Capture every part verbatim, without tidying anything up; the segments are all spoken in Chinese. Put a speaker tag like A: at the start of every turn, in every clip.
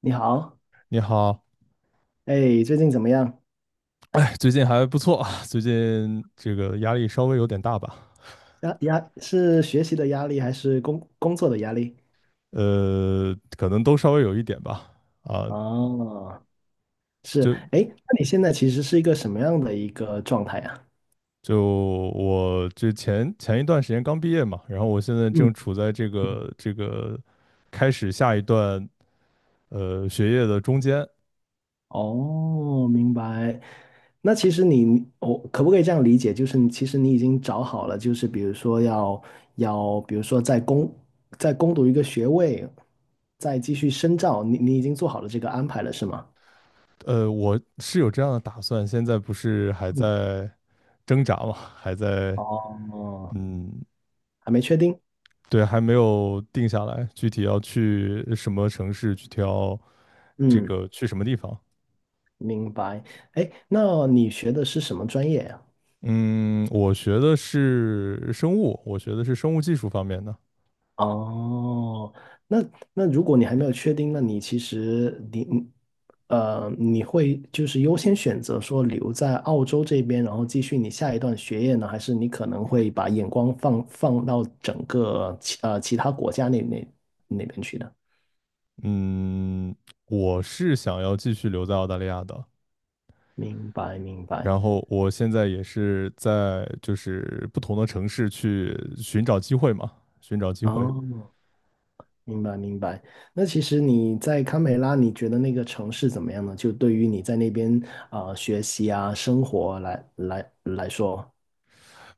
A: 你好。
B: 你好，
A: 哎，最近怎么样？
B: 哎最近还不错啊，最近这个压力稍微有点大吧。
A: 压压是学习的压力还是工工作的压力？
B: 呃，可能都稍微有一点吧。啊，
A: 哦。是。
B: 就
A: 哎，那你现在其实是一个什么样的一个状态啊？
B: 就我这前前一段时间刚毕业嘛，然后我现在
A: 嗯。
B: 正处在这个这个开始下一段呃学业的中间。
A: 哦，明白。那其实你，我可不可以这样理解？就是你其实你已经找好了，就是比如说要要，比如说在攻在攻读一个学位，再继续深造，你你已经做好了这个安排了，是吗？
B: 呃，我是有这样的打算，现在不是还
A: 嗯。
B: 在挣扎嘛，还在
A: 哦，
B: 嗯
A: 还没确定。
B: 对，还没有定下来，具体要去什么城市，具体要这
A: 嗯。
B: 个去什么地方。
A: 明白。哎，那你学的是什么专业呀？
B: 嗯，我学的是生物，我学的是生物技术方面的。
A: 哦，那那如果你还没有确定，那你其实你呃你会就是优先选择说留在澳洲这边，然后继续你下一段学业呢，还是你可能会把眼光放放到整个其呃其他国家那那那边去呢？
B: 嗯，我是想要继续留在澳大利亚的，
A: 明白明白。
B: 然后我现在也是在就是不同的城市去寻找机会嘛，寻找机会。
A: 哦，明白明白。那其实你在堪培拉，你觉得那个城市怎么样呢？就对于你在那边啊、呃学习啊、生活来来来说，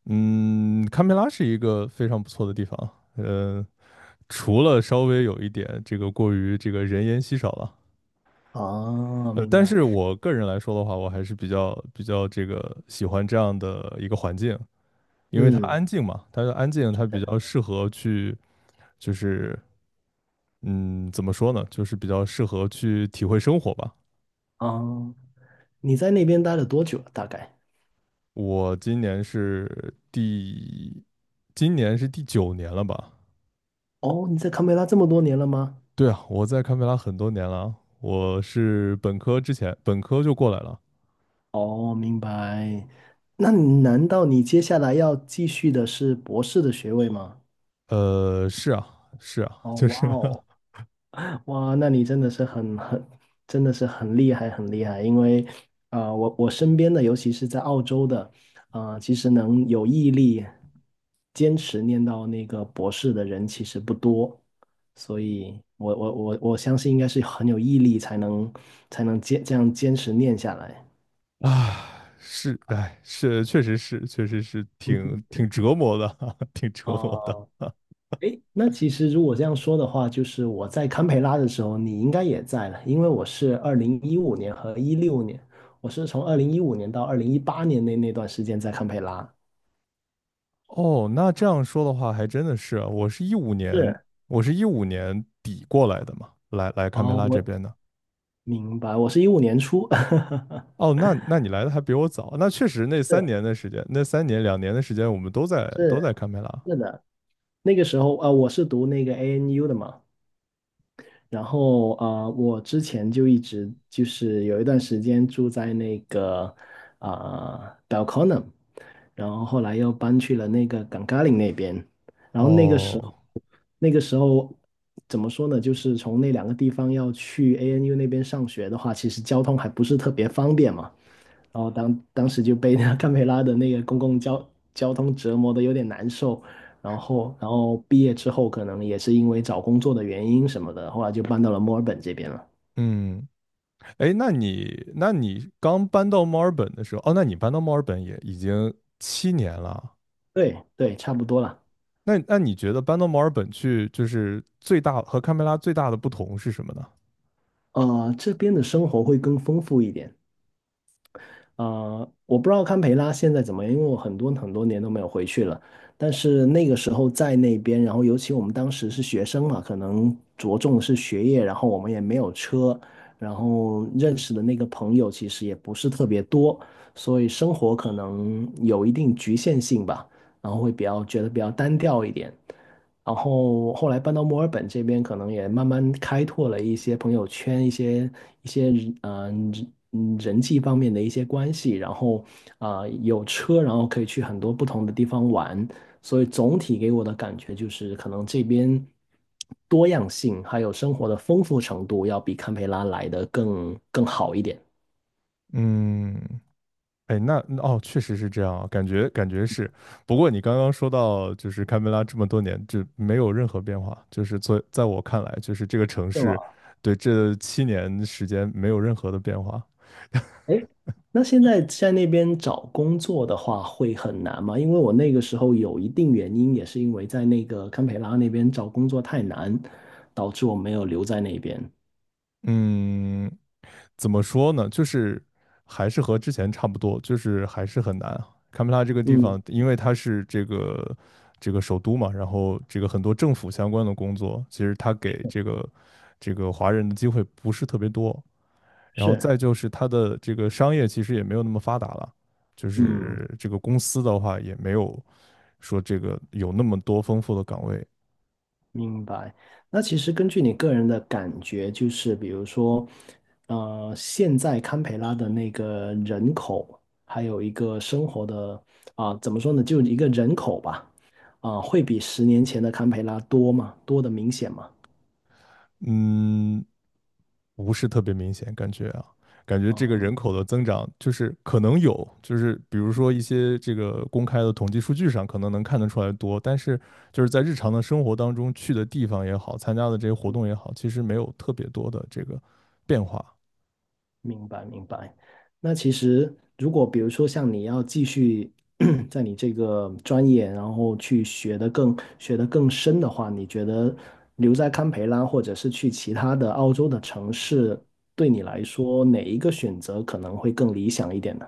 B: 嗯，堪培拉是一个非常不错的地方。呃，除了稍微有一点这个过于这个人烟稀少了。
A: 哦，
B: 呃，
A: 明
B: 但
A: 白。
B: 是我个人来说的话，我还是比较比较这个喜欢这样的一个环境，因为它
A: 嗯。
B: 安静嘛，它安静，它比较适合去，就是嗯，怎么说呢，就是比较适合去体会生活吧。
A: 哦，你在那边待了多久了大概？
B: 我今年是第，今年是第九年了吧？
A: 哦，你在堪培拉这么多年了吗？
B: 对啊，我在堪培拉很多年了啊，我是本科之前，本科就过来了。
A: 哦，明白。那难道你接下来要继续的是博士的学位吗？
B: 呃，是啊，是啊，
A: 哦，
B: 就
A: 哇
B: 是
A: 哦，哇，那你真的是很很，真的是很厉害，很厉害。因为，啊，我我身边的，尤其是在澳洲的，啊，其实能有毅力坚持念到那个博士的人其实不多，所以我我我我相信应该是很有毅力才能才能坚这样坚持念下来。
B: 啊，是，哎，是，确实是，确实是
A: 嗯哼。
B: 挺挺折磨的，挺折磨的。
A: 哦。诶，那其实如果这样说的话，就是我在堪培拉的时候，你应该也在了，因为我是二零一五年和一六年，我是从二零一五年到二零一八年那那段时间在堪培拉。
B: 哦，那这样说的话，还真的是啊，我是一五年，
A: 是。
B: 我是一五年底过来的嘛，来来堪培
A: 哦，
B: 拉这
A: 我
B: 边的。
A: 明白，我是一五年初。
B: 哦，那那你来的还比我早，那确实那三年的时间，那三年两年的时间，我们都在都在
A: 是
B: 堪培拉。
A: 是的，那个时候啊，呃我是读那个 A N U 的嘛，然后呃，我之前就一直就是有一段时间住在那个啊、呃 Belconnen，然后后来又搬去了那个 g a n g a l i n 那边，然后那个时候
B: 哦，
A: 那个时候怎么说呢？就是从那两个地方要去 A N U 那边上学的话，其实交通还不是特别方便嘛。然后当当时就被那堪培拉的那个公共交交通折磨的有点难受，然后然后毕业之后可能也是因为找工作的原因什么的，后来就搬到了墨尔本这边了。
B: 嗯，哎，那你那你刚搬到墨尔本的时候，哦，那你搬到墨尔本也已经七年了，
A: 对对，差不多了。
B: 那那你觉得搬到墨尔本去，就是最大和堪培拉最大的不同是什么呢？
A: 呃，这边的生活会更丰富一点。呃，我不知道堪培拉现在怎么样，因为我很多很多年都没有回去了。但是那个时候在那边，然后尤其我们当时是学生嘛，可能着重的是学业，然后我们也没有车，然后认识的那个朋友其实也不是特别多，所以生活可能有一定局限性吧，然后会比较觉得比较单调一点。然后后来搬到墨尔本这边，可能也慢慢开拓了一些朋友圈，一些一些嗯人嗯人际方面的一些关系，然后啊、呃有车，然后可以去很多不同的地方玩，所以总体给我的感觉就是，可能这边多样性还有生活的丰富程度要比堪培拉来的更更好一点。
B: 嗯，哎，那哦，确实是这样啊，感觉感觉是。不过你刚刚说到，就是堪培拉这么多年就没有任何变化，就是在在我看来，就是这个城市对这七年时间没有任何的变化。
A: 诶，那现在在那边找工作的话会很难吗？因为我那个时候有一定原因，也是因为在那个堪培拉那边找工作太难，导致我没有留在那边。
B: 嗯，怎么说呢？就是还是和之前差不多，就是还是很难啊。堪培拉这个地
A: 嗯。
B: 方，因为它是这个这个首都嘛，然后这个很多政府相关的工作，其实它给这个这个华人的机会不是特别多。然后
A: 是。
B: 再就是它的这个商业其实也没有那么发达了，就
A: 嗯。
B: 是这个公司的话也没有说这个有那么多丰富的岗位。
A: 明白。那其实根据你个人的感觉，就是比如说，呃，现在堪培拉的那个人口，还有一个生活的啊、怎么说呢，就一个人口吧，啊、会比十年前的堪培拉多吗？多的明显吗？
B: 嗯，不是特别明显，感觉啊，感觉这个
A: 哦，
B: 人口的增长就是可能有，就是比如说一些这个公开的统计数据上可能能看得出来多，但是就是在日常的生活当中去的地方也好，参加的这些活动也好，其实没有特别多的这个变化。
A: 明白明白。那其实，如果比如说像你要继续 在你这个专业，然后去学的更学的更深的话，你觉得留在堪培拉，或者是去其他的澳洲的城市，对你来说哪一个选择可能会更理想一点呢？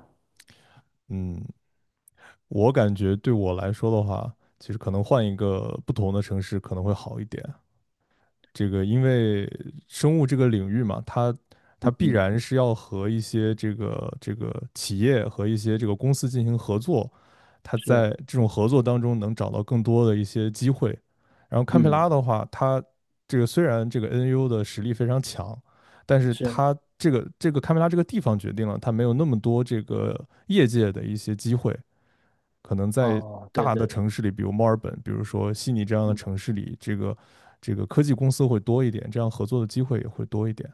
B: 嗯，我感觉对我来说的话，其实可能换一个不同的城市可能会好一点。这个因为生物这个领域嘛，它它必
A: 嗯。
B: 然是要和一些这个这个企业和一些这个公司进行合作，它
A: 是。
B: 在这种合作当中能找到更多的一些机会。然后堪培
A: 嗯。
B: 拉的话，它这个虽然这个 N U 的实力非常强，但是
A: 是。
B: 它这个这个堪培拉这个地方决定了它没有那么多这个业界的一些机会，可能在
A: 哦，对
B: 大的
A: 对。
B: 城市里，比如墨尔本，比如说悉尼这样的城市里，这个这个科技公司会多一点，这样合作的机会也会多一点。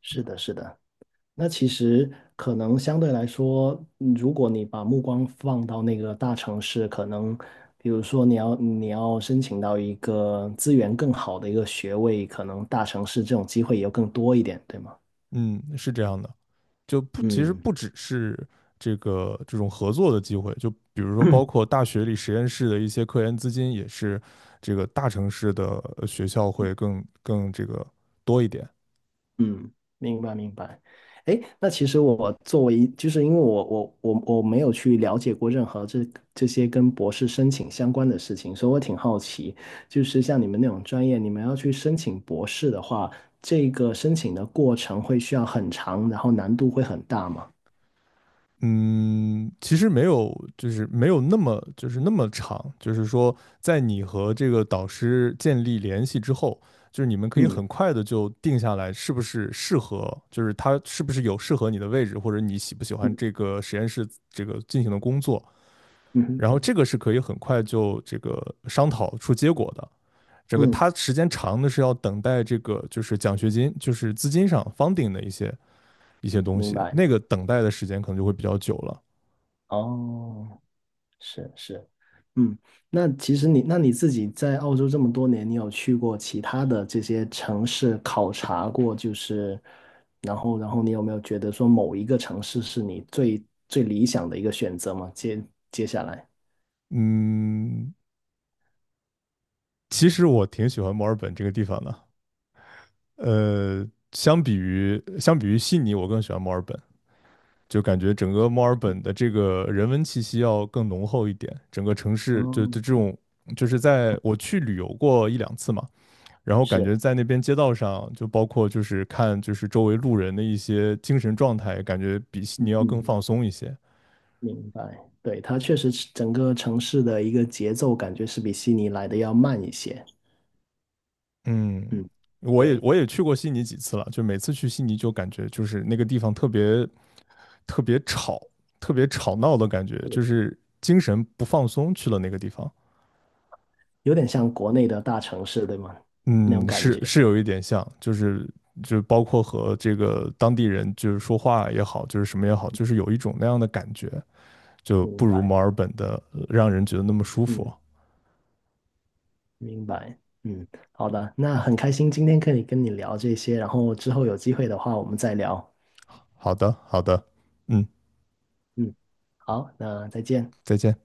A: 是的，是的。那其实可能相对来说，嗯，如果你把目光放到那个大城市，可能比如说你要你要申请到一个资源更好的一个学位，可能大城市这种机会也更多一点，对吗？
B: 嗯，是这样的，就不其实
A: 嗯。
B: 不只是这个这种合作的机会，就比如说包括大学里实验室的一些科研资金，也是这个大城市的呃学校会更更这个多一点。
A: 嗯，明白明白。哎，那其实我作为一就是因为我我我我没有去了解过任何这这些跟博士申请相关的事情，所以我挺好奇，就是像你们那种专业，你们要去申请博士的话，这个申请的过程会需要很长，然后难度会很大吗？
B: 嗯，其实没有，就是没有那么，就是那么长，就是说，在你和这个导师建立联系之后，就是你们可以
A: 嗯。
B: 很快的就定下来，是不是适合，就是他是不是有适合你的位置，或者你喜不喜欢这
A: 嗯。
B: 个实验室这个进行的工作，
A: 嗯哼。
B: 然后这个是可以很快就这个商讨出结果的。这个
A: 嗯，
B: 他时间长的是要等待这个就是奖学金，就是资金上 funding 的一些一些东
A: 明
B: 西，
A: 白。
B: 那个等待的时间可能就会比较久了。
A: 哦。是是。嗯。那其实你，那你自己在澳洲这么多年，你有去过其他的这些城市考察过，就是，然后，然后你有没有觉得说某一个城市是你最最理想的一个选择吗？接接下来，
B: 嗯，其实我挺喜欢墨尔本这个地方的。呃，相比于相比于悉尼，我更喜欢墨尔本，就感觉整个墨尔本的这个人文气息要更浓厚一点。整个城市就
A: 哦。
B: 就这种，就是在我去旅游过一两次嘛，然后感觉
A: 是。
B: 在那边街道上，就包括就是看就是周围路人的一些精神状态，感觉比悉尼要
A: 嗯，
B: 更放松一些。
A: 明白，对，它确实是整个城市的一个节奏感觉是比悉尼来的要慢一些。
B: 嗯，
A: 嗯。
B: 我也
A: 对。
B: 我也去过悉尼几次了，就每次去悉尼就感觉就是那个地方特别特别吵，特别吵闹的感觉，就是精神不放松去了那个地方。
A: 有点像国内的大城市，对吗？那种
B: 嗯，
A: 感
B: 是
A: 觉。
B: 是有一点像，就是就包括和这个当地人就是说话也好，就是什么也好，就是有一种那样的感觉，就
A: 明
B: 不如
A: 白。
B: 墨尔本的呃让人觉得那么舒
A: 嗯。
B: 服。
A: 明白。嗯。好的，那很开心今天可以跟你聊这些，然后之后有机会的话我们再聊。
B: 好的，好的，嗯，
A: 嗯。好，那再见。
B: 再见。